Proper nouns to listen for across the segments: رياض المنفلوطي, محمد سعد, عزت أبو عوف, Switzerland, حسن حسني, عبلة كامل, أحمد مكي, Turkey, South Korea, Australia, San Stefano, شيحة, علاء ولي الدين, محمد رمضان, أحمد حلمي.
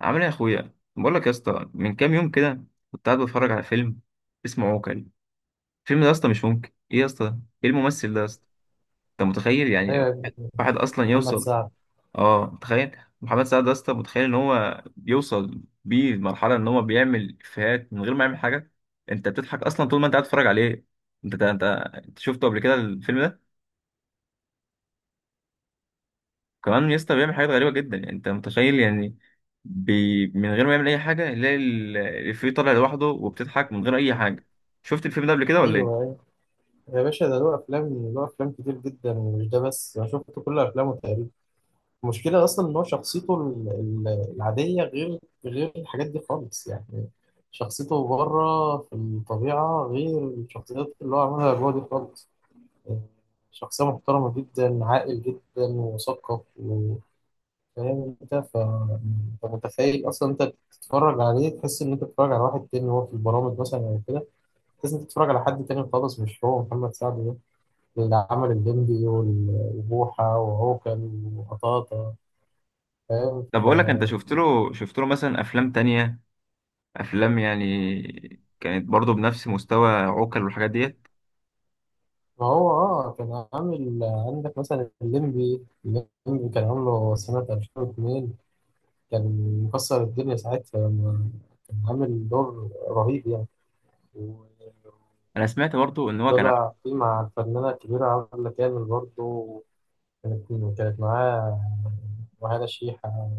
عامل ايه يا اخويا؟ بقول لك يا اسطى، من كام يوم كده كنت قاعد بتفرج على فيلم اسمه عوكل. الفيلم ده يا اسطى مش ممكن، ايه يا اسطى، ايه الممثل ده يا اسطى؟ انت متخيل يعني ايوه يا ابني، واحد اصلا محمد يوصل؟ سعد. اه، تخيل محمد سعد ده يا اسطى، متخيل ان هو بيوصل بيه لمرحله ان هو بيعمل افيهات من غير ما يعمل حاجه. انت بتضحك اصلا طول ما انت قاعد تتفرج عليه. انت انت انت شفته قبل كده الفيلم ده؟ كمان يسطا بيعمل حاجات غريبة جدا، يعني انت متخيل يعني؟ من غير ما يعمل اي حاجة يلاقي الإفيه طالع لوحده وبتضحك من غير اي حاجة. شفت الفيلم ده قبل كده ولا ايه؟ ايوه أيوة. يا باشا ده له افلام كتير جدا، ومش ده بس، انا شفت كل افلامه تقريبا. المشكله اصلا ان هو شخصيته العاديه غير الحاجات دي خالص يعني. شخصيته بره في الطبيعه غير الشخصيات اللي هو عملها جوه دي خالص. شخصيه محترمه جدا، عاقل جدا ومثقف وفاهم. انت متخيل اصلا انت بتتفرج عليه، تحس ان انت بتتفرج على واحد تاني. وهو في البرامج مثلا او كده، لازم تتفرج على حد تاني خالص، مش هو محمد سعد ده اللي عمل الليمبي وبوحة وعوكل وقطاطة. فاهم. طب اقول لك، انت شفت له مثلا افلام تانية، افلام يعني كانت برضه بنفس مستوى عوكل والحاجات ديت؟ ما هو اه كان عامل عندك مثلا الليمبي، كان عامله سنة 2002. كان مكسر الدنيا ساعتها، لما كان عامل دور رهيب يعني. و- انا سمعت برضه ان هو وطلع فيه مع الفنانة الكبيرة عبلة كامل برضه. كانت كانت معاه، وهذا شيحة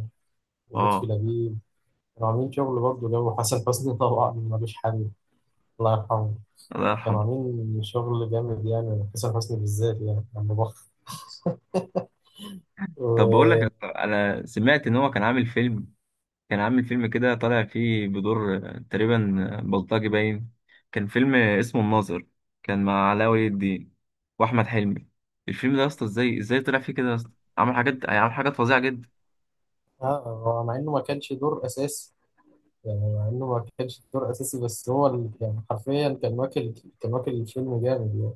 ولطفي اه، لبيب. كانوا عاملين شغل برضه، جو حسن حسني طبعا ملوش حل، الله يرحمه. الله كانوا يرحمه. عاملين شغل جامد يعني، حسن حسني بالذات يعني لما بخ و... طب بقول لك، انا سمعت ان هو كان عامل فيلم، كان عامل فيلم كده طالع فيه بدور تقريبا بلطجي باين. كان فيلم اسمه الناظر، كان مع علاء ولي الدين واحمد حلمي. الفيلم ده يا اسطى ازاي طلع فيه كده يا اسطى؟ عمل حاجات فظيعه جدا. مع إنه ما كانش دور أساسي. يعني مع إنه ما كانش دور أساسي، بس هو يعني حرفيا كان واكل. كان واكل الفيلم جامد يعني.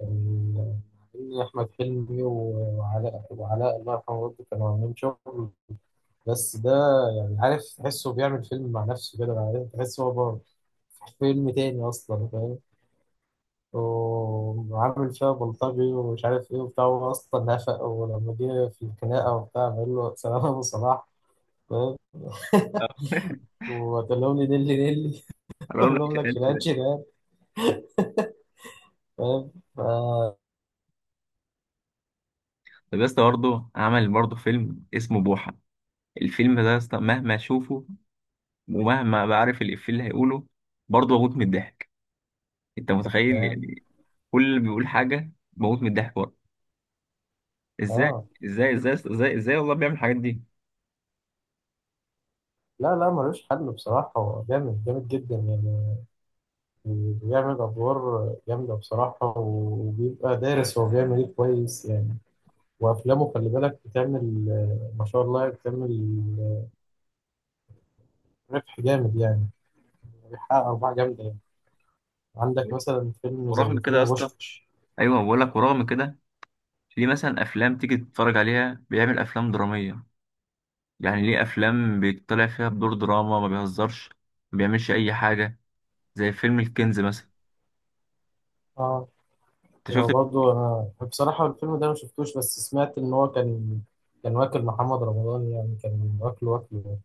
كان عاملين أحمد حلمي وعلاء، الله يرحمه برضه، كانوا عاملين شغل. بس ده يعني، عارف، تحسه بيعمل فيلم مع نفسه كده، بعدين تحسه هو بره في فيلم تاني أصلا. فاهم. وعامل فيها بلطجي ومش عارف ايه وبتاع، هو اصلا نافق، ولما جه في الخناقه وبتاع بقول له سلام يا ابو صلاح. فاهم. وتقول لهم لي نيلي نيلي. حرام تقول لك لهم لك القرش شيلان ده. شيلان. فاهم طب يا اسطى برضه عمل برضه فيلم اسمه بوحة، الفيلم ده يا اسطى مهما اشوفه ومهما بعرف الإفيه اللي هيقوله برضه بموت من الضحك. انت متخيل يعني؟ كل اللي بيقول حاجة بموت من الضحك برضه. ازاي اه. ازاي ازاي ازاي ازاي والله بيعمل الحاجات دي؟ لا لا ملوش حل بصراحة، هو جامد جامد جدا يعني. بيعمل أدوار جامدة بصراحة، وبيبقى دارس هو بيعمل إيه كويس يعني. وأفلامه خلي بالك بتعمل، ما شاء الله، بتعمل ربح جامد يعني، بيحقق أرباح جامدة. عندك مثلا فيلم ورغم زي كده يا فيلم اسطى، بوشكاش. ايوه بقول لك، ورغم كده ليه مثلا افلام تيجي تتفرج عليها بيعمل افلام دراميه؟ يعني ليه افلام بيطلع فيها بدور دراما ما بيهزرش، ما بيعملش اي حاجه، زي فيلم الكنز مثلا؟ اه. انت شفت؟ وبرضه انا بصراحة الفيلم ده انا مشفتوش، بس سمعت ان هو كان واكل محمد رمضان يعني، كان واكله واكله.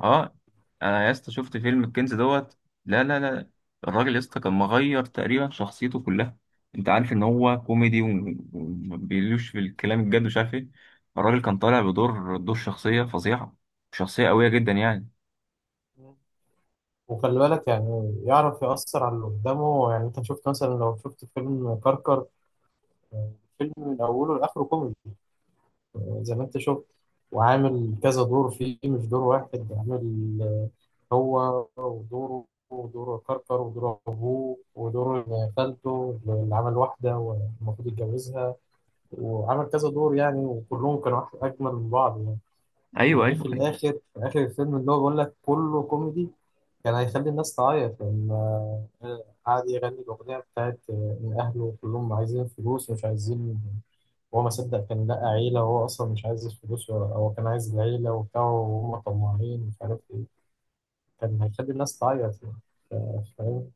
اه، انا يا اسطى شفت فيلم الكنز دوت. لا لا لا، الراجل يا اسطى كان مغير تقريبا شخصيته كلها. انت عارف ان هو كوميدي وما بيقولوش في الكلام الجد ومش عارف ايه. الراجل كان طالع بدور شخصيه فظيعه، شخصيه قويه جدا يعني. وخلي بالك يعني يعرف يأثر على اللي قدامه يعني. انت شفت مثلا، لو شفت فيلم كركر، فيلم من اوله لاخره كوميدي، زي ما انت شفت. وعامل كذا دور فيه، مش دور واحد، عامل هو ودوره ودور كركر ودور أبوه ودور خالته اللي عمل واحدة والمفروض يتجوزها. وعمل كذا دور يعني، وكلهم كانوا أجمل من بعض يعني. ايوه وجه ايوه في ايوه. الآخر، في آخر الفيلم، اللي هو بيقول لك كله كوميدي، كان هيخلي الناس تعيط. لأن آه، قعد يغني الأغنية بتاعت إن أهله كلهم عايزين فلوس ومش عايزين، هو ما صدق كان لقى عيلة، وهو أصلا مش عايز الفلوس هو كان عايز العيلة وبتاع، وهم طماعين مش عارف إيه. كان هيخلي الناس تعيط يعني. ف- فاهم.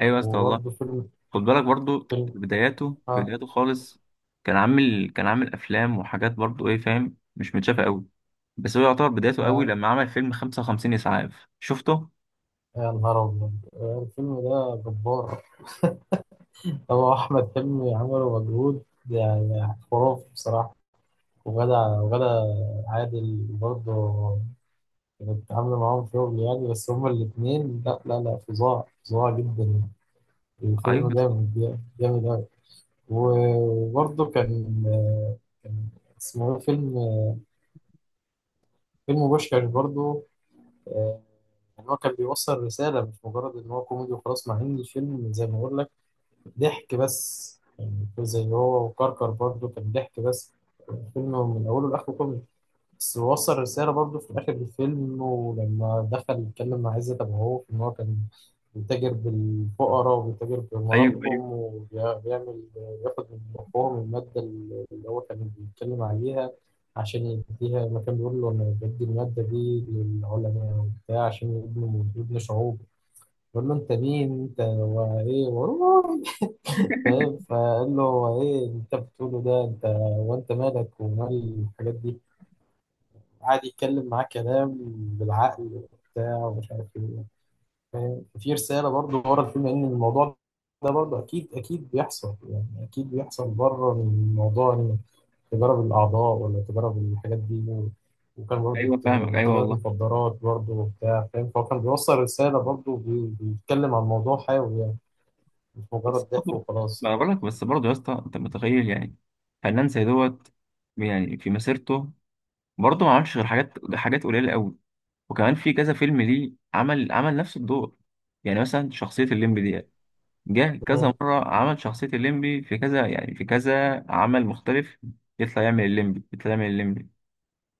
ايوه يا اسطى والله. وبرضه خد بالك برضو فيلم. في بداياته في ها بداياته خالص، كان عامل افلام وحاجات برضو، ايه فاهم، مش متشافه قوي. بس هو يعتبر بدايته قوي ها. لما عمل فيلم 55 اسعاف. شفته؟ يا نهار أبيض، الفيلم ده جبار. هو أحمد حلمي عمله مجهود يعني خرافي بصراحة. وغدا وغدا عادل برضه كانت عاملة معاهم شغل يعني. بس هما الاتنين لا لا لا، فظاع فظاع جدا يعني. ايوه الفيلم يا اسطى. جامد جامد أوي. وبرضه كان اسمه إيه؟ فيلم بوشكاش برضه. آه، يعني هو كان بيوصل رسالة، مش مجرد إن هو كوميدي وخلاص، مع إن الفيلم زي ما بقول لك ضحك بس يعني، زي هو وكركر برضه كان ضحك بس، الفيلم من أوله لآخره كوميدي. بس وصل رسالة برضه في آخر الفيلم، إنه لما دخل يتكلم مع عزت أبو عوف إن هو كان بيتاجر بالفقراء وبيتاجر ايوه ايوه بمرضهم وبيعمل ياخد من أخوهم المادة اللي هو كان بيتكلم عليها عشان يديها، ما كان بيقول له أنا بدي المادة دي للعلماء وبتاع عشان يبنوا شعوب. بيقول له أنت مين أنت وإيه فاهم. فقال له إيه اللي أنت بتقوله ده، أنت وأنت مالك ومال الحاجات دي. قاعد يتكلم معاه كلام بالعقل وبتاع ومش عارف ايه. فاهم. في رسالة برضه ورا الفيلم، لأن الموضوع ده برضه أكيد أكيد بيحصل يعني، أكيد بيحصل بره، من موضوع إن تجارب الأعضاء ولا تجارب الحاجات دي وكان برضه ايوه فاهمك ايوه تجارة والله. مخدرات برضه وبتاع. فاهم. فهو كان بيوصل رسالة برضه، بيتكلم عن موضوع حيوي يعني، مش بس مجرد ضحك برضو، وخلاص. ما انا بقول لك بس برضو يا اسطى، انت متخيل يعني؟ فنان زي دوت، يعني في مسيرته برضو ما عملش غير حاجات حاجات قليله قوي. وكمان في كذا فيلم ليه عمل نفس الدور؟ يعني مثلا شخصيه الليمبي دي جه كذا مرة عمل شخصية الليمبي، في كذا يعني في كذا عمل مختلف يطلع يعمل الليمبي، يطلع يعمل الليمبي.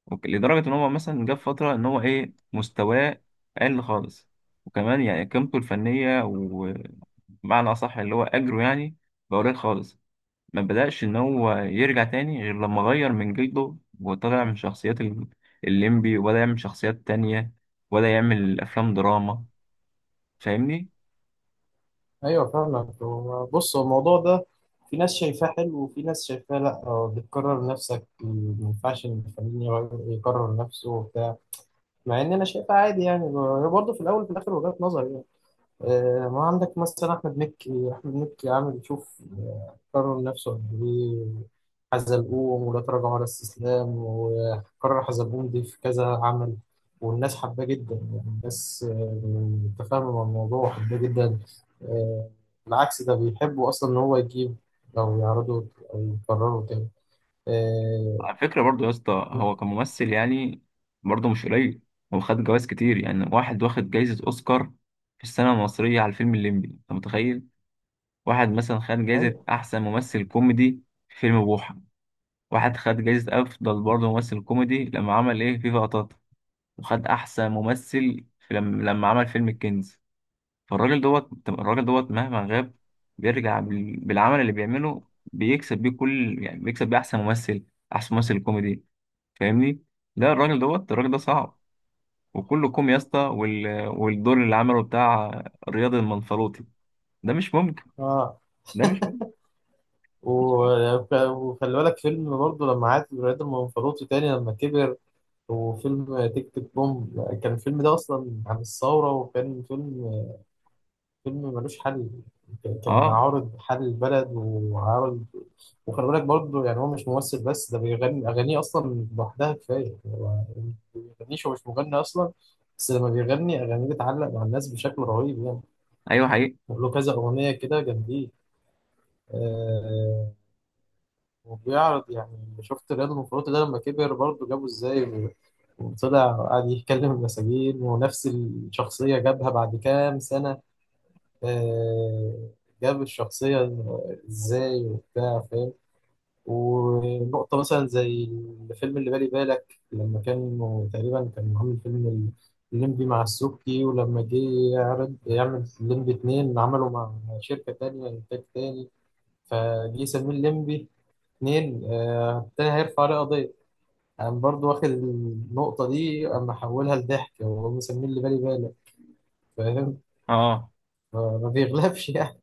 لدرجة إن هو مثلا جه في فترة إن هو إيه، مستواه قل خالص. وكمان يعني قيمته الفنية ومعنى أصح اللي هو أجره يعني بقى قليل خالص. ما بدأش إن هو يرجع تاني غير لما غير من جلده وطلع من شخصيات الليمبي وبدأ يعمل شخصيات تانية وبدأ يعمل أفلام دراما. فاهمني؟ ايوه فاهمك. بص، هو الموضوع ده في ناس شايفاه حلو وفي ناس شايفاه لا. بتكرر نفسك، ما ينفعش إن الفنان يكرر نفسه وبتاع. مع ان انا شايفها عادي يعني، برضه في الاول وفي الاخر وجهات نظر يعني. ما عندك مثلا أحمد مكي. أحمد مكي عامل، شوف، كرر نفسه قد إيه. حزلقوم، ولا تراجع ولا استسلام، وكرر حزلقوم دي في كذا عمل. والناس حباه جدا يعني، الناس متفاهمة مع الموضوع وحباه جدا. آه، بالعكس ده بيحبوا أصلا إن هو يجيب أو يعرضه أو يكرره تاني. آه، على فكرة برضو يا اسطى، هو كممثل يعني برضو مش قليل. هو خد جوائز كتير يعني. واحد واخد جايزة أوسكار في السينما المصرية على الفيلم الليمبي، أنت متخيل؟ واحد مثلا خد جايزة أيوه. أحسن ممثل كوميدي في فيلم بوحة. واحد خد جايزة أفضل برضو ممثل كوميدي لما عمل إيه فيفا قطاطا. وخد أحسن ممثل في لما عمل فيلم الكنز. فالراجل دوت، الراجل دوت مهما غاب بيرجع بالعمل اللي بيعمله. بيكسب بيه أحسن ممثل، أحسن ممثل كوميدي. فاهمني؟ لا، الراجل دوت، الراجل ده صعب. وكله كوم يا اسطى، والدور اللي عمله بتاع رياض المنفلوطي ده مش ممكن. آه. ده مش ممكن. مش ممكن. وخلي بالك فيلم برضه لما عاد رياض المنفلوطي تاني لما كبر. وفيلم تيك تيك بوم، كان الفيلم ده أصلا عن الثورة، وكان فيلم ملوش حل. كان اه. عارض حل البلد وعارض. وخلي بالك برضه يعني هو مش ممثل بس، ده بيغني أغانيه أصلا لوحدها كفاية. هو ما بيغنيش، هو مش مغني أصلا، بس لما بيغني أغانيه بتعلق مع الناس بشكل رهيب يعني. ايوه حقيقي. له كذا أغنية كده جامدين. آه. وبيعرض يعني، شفت رياض منفلوطي ده لما كبر برضه جابه إزاي، وطلع وقعد يتكلم المساجين، ونفس الشخصية جابها بعد كام سنة. آه، جاب الشخصية ازاي وبتاع. فاهم. ونقطة مثلا زي الفيلم اللي بالي بالك، لما كانوا تقريبا كان عامل فيلم الليمبي مع السبكي، ولما جه يعرض يعمل الليمبي اتنين، عمله مع شركة تانية، إنتاج تاني. فجه يسميه الليمبي اتنين، التاني هيرفع عليه قضية. انا برضو واخد النقطه دي، اما احولها لضحك، وهو مسميه اللي بالي بالك. فاهم. اه، ما بيغلبش يعني.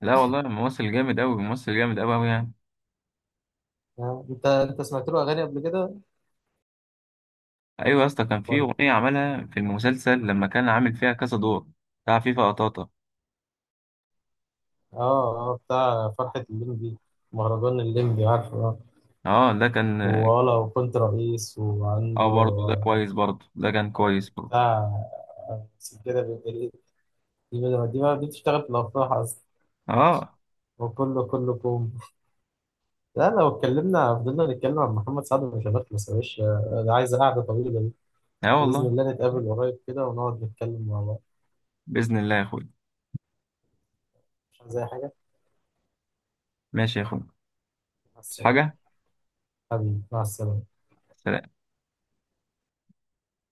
لا والله ممثل جامد قوي، ممثل جامد قوي قوي يعني. انت سمعت له اغاني قبل كده ايوه يا اسطى، كان في ولا؟ اغنيه عملها في المسلسل لما كان عامل فيها كذا دور بتاع فيفا قطاطا. اه اه، بتاع فرحه الليمبي، مهرجان الليمبي، عارفه اه. اه، ده كان. ولا وكنت رئيس اه، وعنده برضه ده كويس، برضه ده كان كويس برضه. بتاع. سجادة بالإيد. دي ما دي ما- دي بتشتغل في الافراح اصلا. اه، وكله كلكم. لا، لو اتكلمنا فضلنا نتكلم عن محمد سعد مش هنخلص يا باشا، ده عايز قعده طويله. اه بإذن والله. الله نتقابل قريب كده ونقعد نتكلم مع بعض. باذن الله يا اخوي. مش عايز أي حاجة. ماشي يا اخوي. مع بس السلامة. حاجه. حبيبي مع السلامة. سلام.